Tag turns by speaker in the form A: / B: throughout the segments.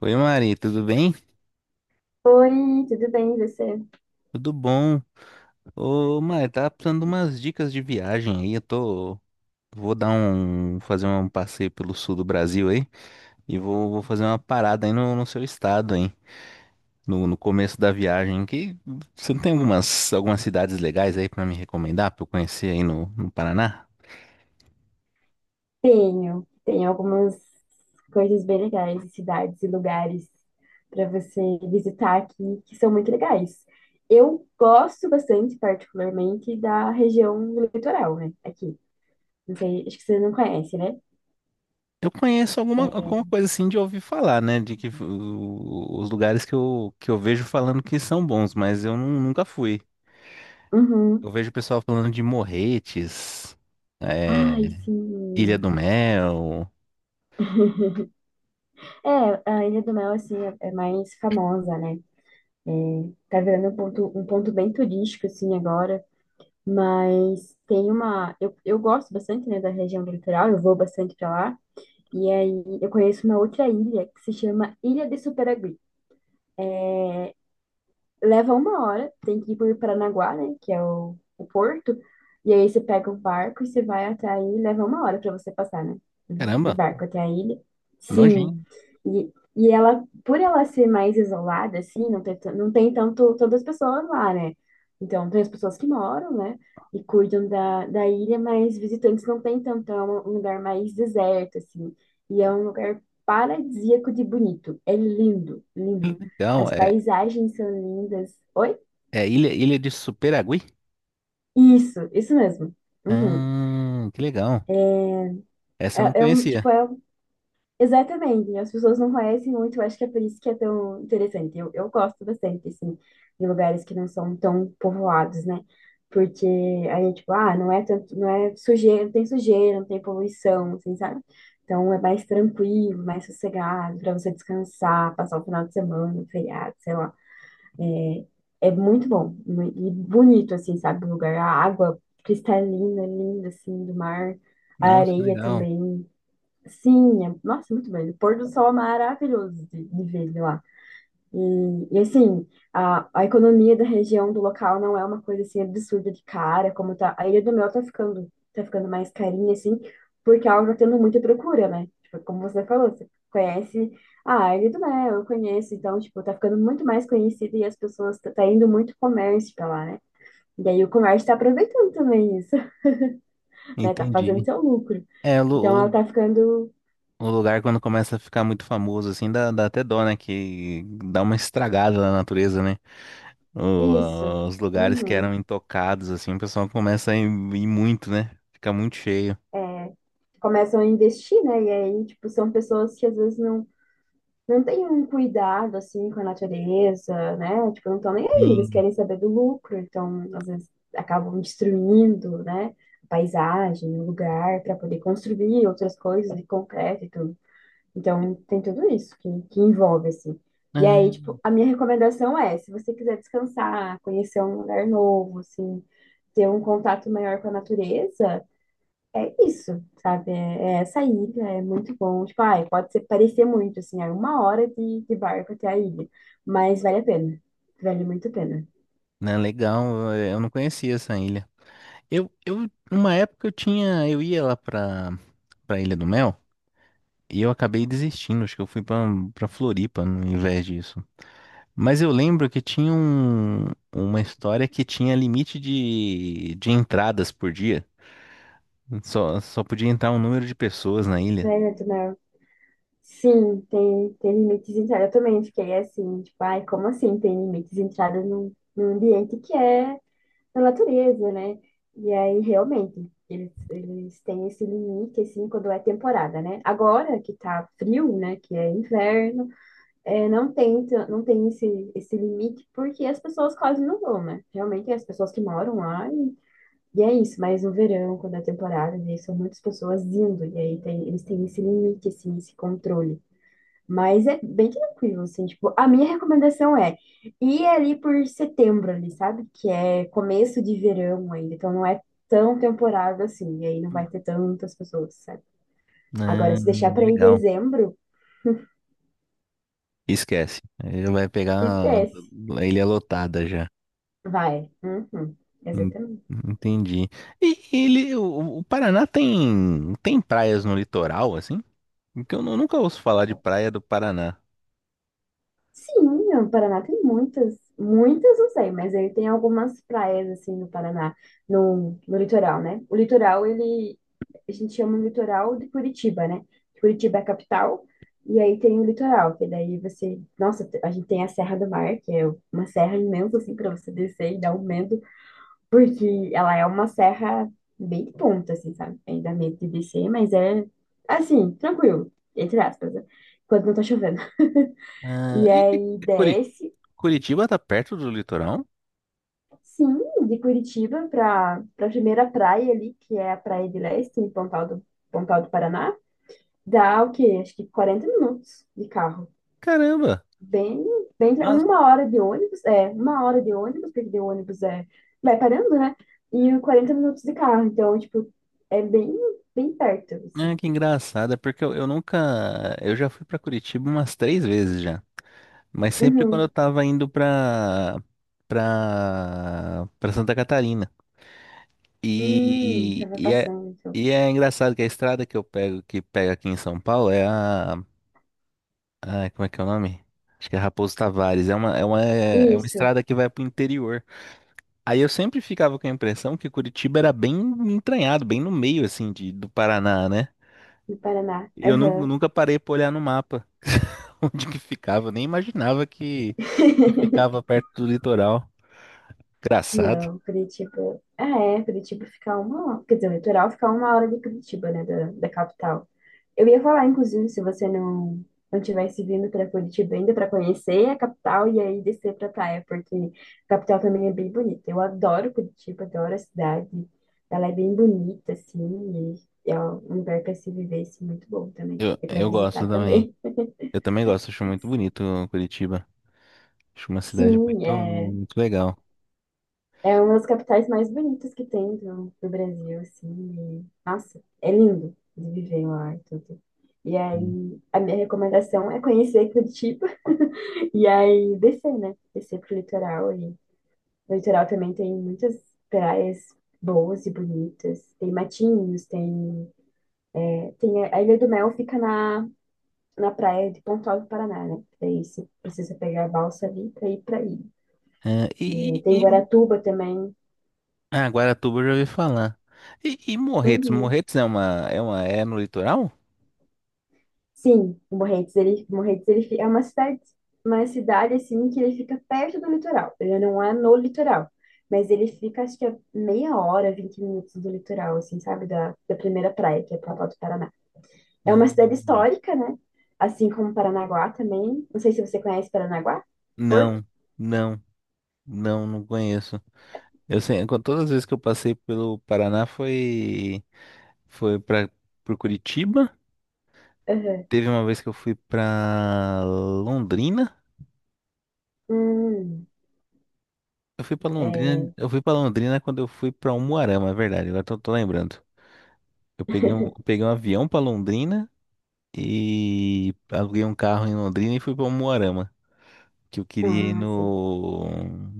A: Oi, Mari, tudo bem?
B: Oi, tudo bem, e você?
A: Tudo bom? Ô, Mari, tava precisando de umas dicas de viagem aí. Eu tô. Vou dar um. Fazer um passeio pelo sul do Brasil aí. E vou fazer uma parada aí no seu estado, hein? No começo da viagem. Que você não tem algumas cidades legais aí pra me recomendar, pra eu conhecer aí no Paraná?
B: Tenho algumas coisas bem legais, cidades e lugares para você visitar aqui que são muito legais. Eu gosto bastante, particularmente, da região litoral, né? Aqui. Não sei, acho que você não conhece, né?
A: Eu conheço alguma coisa assim de ouvir falar, né? De que os lugares que eu vejo falando que são bons, mas eu nunca fui. Eu
B: Uhum.
A: vejo o pessoal falando de Morretes,
B: Ai,
A: é, Ilha
B: sim.
A: do Mel.
B: É, a Ilha do Mel, assim, é mais famosa, né? É, tá virando um ponto bem turístico, assim, agora. Mas tem uma. Eu gosto bastante, né, da região do litoral, eu vou bastante pra lá. E aí eu conheço uma outra ilha que se chama Ilha de Superagui. Leva uma hora, tem que ir por Paranaguá, né, que é o porto. E aí você pega um barco e você vai até aí, leva uma hora pra você passar, né, de
A: Caramba,
B: barco até a ilha. Sim,
A: nojinho.
B: e ela, por ela ser mais isolada, assim, não tem tanto todas as pessoas lá, né? Então, tem as pessoas que moram, né? E cuidam da, da ilha, mas visitantes não tem tanto. Então, é um lugar mais deserto, assim. E é um lugar paradisíaco de bonito. É lindo,
A: Que
B: lindo.
A: legal.
B: As
A: É,
B: paisagens são lindas. Oi?
A: é Ilha de Superagui?
B: Isso mesmo. Uhum.
A: Ah, que legal. Essa eu não
B: É, é um,
A: conhecia.
B: tipo, é Exatamente, as pessoas não conhecem muito, eu acho que é por isso que é tão interessante. Eu gosto bastante, assim, de lugares que não são tão povoados, né? Porque aí, tipo, ah, não é tanto, não é sujeira, não tem poluição, assim, sabe? Então é mais tranquilo, mais sossegado, para você descansar, passar o final de semana, feriado, sei lá. É muito bom e bonito, assim, sabe? O lugar, a água cristalina, linda, assim, do mar, a
A: Nossa, que
B: areia
A: legal.
B: também. Sim, é- nossa, muito bem. O pôr do sol é maravilhoso de ver de lá. E, assim, a economia da região, do local, não é uma coisa assim absurda de cara, como tá. A Ilha do Mel tá ficando mais carinha, assim, porque ela tá tendo muita procura, né? Tipo, como você falou, você conhece ah, a Ilha do Mel, eu conheço, então, tipo, tá ficando muito mais conhecida e as pessoas, tá indo muito comércio pra lá, né? E aí o comércio tá aproveitando também isso, né? Tá fazendo
A: Entendi.
B: seu lucro.
A: É,
B: Então ela tá ficando
A: o lugar quando começa a ficar muito famoso, assim, dá até dó, né? Que dá uma estragada na natureza, né?
B: Isso.
A: Os lugares que eram
B: Uhum.
A: intocados, assim, o pessoal começa a ir muito, né? Fica muito cheio.
B: É, começam a investir, né? E aí, tipo, são pessoas que às vezes não, não têm um cuidado, assim, com a natureza, né? Tipo, não estão nem aí, eles
A: Sim.
B: querem saber do lucro, então, às vezes, acabam destruindo, né? A paisagem, o lugar, para poder construir outras coisas de concreto e tudo. Então, tem tudo isso que envolve, assim. E
A: Ah.
B: aí, tipo, a minha recomendação é, se você quiser descansar, conhecer um lugar novo, assim, ter um contato maior com a natureza, é isso, sabe? É, é essa ilha, é muito bom. Tipo, ai, pode ser, parecer muito, assim, é uma hora de barco até a ilha, mas vale a pena. Vale muito a pena.
A: Né, legal, eu não conhecia essa ilha. Numa época eu tinha, eu ia lá pra Ilha do Mel e eu acabei desistindo, acho que eu fui pra Floripa no invés disso. Mas eu lembro que tinha um, uma história que tinha limite de entradas por dia. Só podia entrar um número de pessoas na ilha.
B: Né, Netanel? Sim, tem limites de entrada. Eu também fiquei assim, tipo, ai, como assim tem limites de entrada num ambiente que é da natureza, né? E aí, realmente, eles têm esse limite, assim, quando é temporada, né? Agora que tá frio, né, que é inverno, é, não tem esse, esse limite, porque as pessoas quase não vão, né? Realmente é as pessoas que moram lá e é isso, mas no verão, quando é temporada, daí são muitas pessoas indo, e aí tem, eles têm esse limite, assim, esse controle. Mas é bem tranquilo, assim, tipo, a minha recomendação é ir ali por setembro ali, sabe? Que é começo de verão ainda, então não é tão temporada assim, e aí não vai ter tantas pessoas, sabe? Agora, se deixar pra ir em
A: Legal.
B: dezembro,
A: Esquece. Ele vai pegar
B: esquece.
A: a ilha lotada já.
B: Vai. Uhum.
A: En-
B: Exatamente.
A: Entendi. E ele, o Paraná tem tem praias no litoral, assim? Porque eu nunca ouço falar de praia do Paraná.
B: Sim, o Paraná tem muitas, muitas não sei, mas ele tem algumas praias assim no Paraná, no litoral, né? O litoral, ele, a gente chama o litoral de Curitiba, né? Curitiba é a capital, e aí tem o litoral, que daí você, nossa, a gente tem a Serra do Mar, que é uma serra imensa assim para você descer e dar um medo, porque ela é uma serra bem de ponta assim, sabe? Aí dá medo de descer, mas é assim, tranquilo, entre aspas, né? Quando não tá chovendo.
A: Ah,
B: E aí
A: Curi-
B: desce.
A: Curitiba tá perto do litoral?
B: Sim, de Curitiba para a primeira praia ali, que é a Praia de Leste, em Pontal do Paraná, dá o quê? Acho que 40 minutos de carro.
A: Caramba!
B: Bem, bem,
A: Nossa,
B: uma hora de ônibus, é, uma hora de ônibus, porque de ônibus é, vai parando, né? E 40 minutos de carro, então, tipo, é bem, bem perto,
A: ah,
B: assim.
A: que engraçado, é porque eu nunca, eu já fui pra Curitiba umas três vezes já, mas sempre quando
B: Uhum.
A: eu tava indo pra para Santa Catarina.
B: Tava
A: E é.
B: passando, então.
A: E é engraçado que a estrada que eu pego, que pega aqui em São Paulo, é a. Ah, como é que é o nome? Acho que é Raposo Tavares. É uma
B: Isso,
A: estrada que vai pro interior. Aí eu sempre ficava com a impressão que Curitiba era bem entranhado, bem no meio, assim, de, do Paraná, né?
B: no Paraná.
A: Eu nunca parei pra olhar no mapa onde que ficava. Nem imaginava que ficava perto do litoral. Engraçado.
B: Não, Curitiba. Ah, é, Curitiba fica uma hora. Quer dizer, o litoral fica uma hora de Curitiba, né, da, da capital. Eu ia falar, inclusive, se você não não tivesse vindo para Curitiba ainda para conhecer a capital e aí descer para praia, porque a capital também é bem bonita. Eu adoro Curitiba, adoro a cidade. Ela é bem bonita, assim, e é um lugar para se viver, assim, muito bom também. E para
A: Eu gosto
B: visitar
A: também.
B: também.
A: Eu também gosto, acho muito bonito Curitiba. Acho uma cidade
B: Sim, é.
A: muito legal.
B: É uma das capitais mais bonitas que tem do Brasil, assim. E, nossa, é lindo de viver lá e tudo. E
A: Hum.
B: aí, a minha recomendação é conhecer Curitiba e aí descer, né? Descer pro litoral. E no litoral também tem muitas praias boas e bonitas. Tem Matinhos, tem, tem a Ilha do Mel fica na praia de Pontal do Paraná, né? Daí você precisa pegar a balsa ali pra ir pra ilha.
A: É,
B: E
A: e-.
B: tem Guaratuba também.
A: Ah, Guaratuba eu já ouvi falar. E Morretes?
B: Uhum.
A: Morretes é uma, é uma, é no litoral?
B: Sim, o Morretes, ele, Morretes, é uma cidade, assim que ele fica perto do litoral. Ele não é no litoral, mas ele fica acho que a meia hora, 20 minutos do litoral, assim, sabe, da primeira praia, que é Palpau do Paraná. É uma cidade
A: Hum,
B: histórica, né? Assim como Paranaguá também. Não sei se você conhece Paranaguá, Porto.
A: não, não, não conheço. Eu sei, com todas as vezes que eu passei pelo Paraná foi para por Curitiba.
B: Aham.
A: Teve uma vez que eu fui pra Londrina.
B: Hum, é.
A: Eu fui para Londrina quando eu fui pra Umuarama, é verdade. Agora tô lembrando. Eu peguei um avião pra Londrina e aluguei um carro em Londrina e fui pra Umuarama. Que eu queria ir
B: Ah, sim.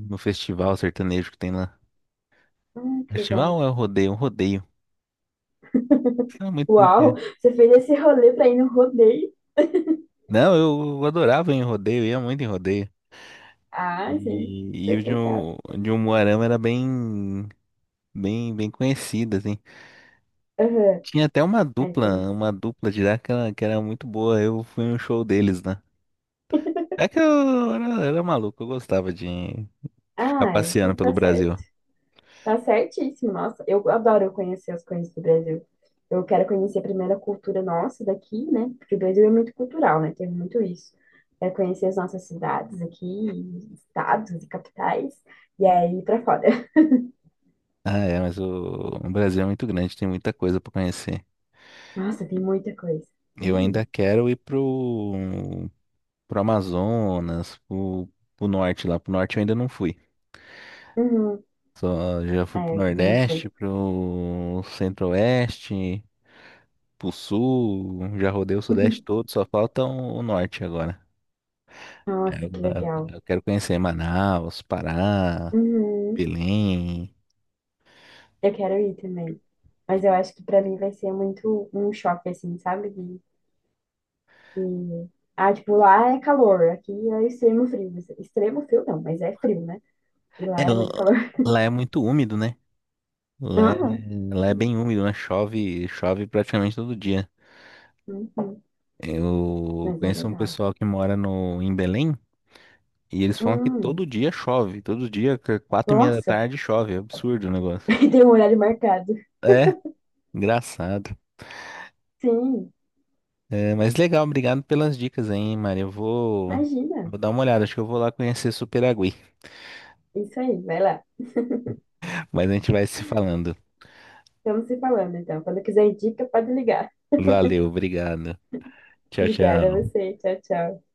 A: no festival sertanejo que tem lá.
B: Ah, que legal.
A: Festival é o rodeio? Um rodeio. Não,
B: Uau,
A: muito.
B: você fez esse rolê pra ir no rodeio.
A: Não, eu adorava ir em rodeio, ia muito em rodeio.
B: Ah, sim, tá
A: E o
B: explicado.
A: de um Moarama era bem conhecido, assim.
B: Aham,
A: Tinha até
B: é por isso.
A: uma dupla de lá que era muito boa. Eu fui no show deles, né? É que era maluco, eu gostava de ficar
B: Ah, é,
A: passeando
B: então tá
A: pelo
B: certo.
A: Brasil.
B: Tá certíssimo, nossa. Eu adoro conhecer as coisas do Brasil. Eu quero conhecer primeiro a cultura nossa daqui, né? Porque o Brasil é muito cultural, né? Tem muito isso. Quero conhecer as nossas cidades aqui, estados e capitais, e aí pra fora.
A: Ah, é, mas o Brasil é muito grande, tem muita coisa pra conhecer.
B: Nossa, tem muita coisa.
A: Eu
B: Hum.
A: ainda quero ir pro Amazonas, pro norte lá. Pro norte eu ainda não fui.
B: Uhum.
A: Só já
B: É,
A: fui pro
B: eu também não foi.
A: Nordeste, pro Centro-Oeste, pro Sul, já rodei o Sudeste todo, só falta o Norte agora. É,
B: Nossa, que legal.
A: Eu quero conhecer Manaus, Pará,
B: Uhum.
A: Belém.
B: Eu quero ir também. Mas eu acho que pra mim vai ser muito um choque, assim, sabe? De- Ah, tipo, lá é calor, aqui é extremo frio. Extremo frio não, mas é frio, né? E
A: É,
B: lá é muito calor.
A: lá é muito úmido, né? Lá é,
B: Aham.
A: lá é
B: Sim.
A: bem úmido, né? Chove praticamente todo dia.
B: Uhum.
A: Eu
B: Mas é
A: conheço um
B: legal.
A: pessoal que mora no, em Belém. E eles falam que
B: Hum.
A: todo dia chove, todo dia, que quatro e meia da
B: Nossa,
A: tarde chove, é absurdo o negócio.
B: tem um horário marcado.
A: É, engraçado.
B: Sim,
A: É, mas legal, obrigado pelas dicas aí, hein, Maria. Eu vou,
B: imagina.
A: vou dar uma olhada, acho que eu vou lá conhecer Superagui.
B: Isso aí, vai lá.
A: Mas a gente vai se falando.
B: Estamos se falando, então. Quando quiser dica, pode ligar.
A: Valeu, obrigado. Tchau,
B: Obrigada a
A: tchau.
B: você. Tchau, tchau.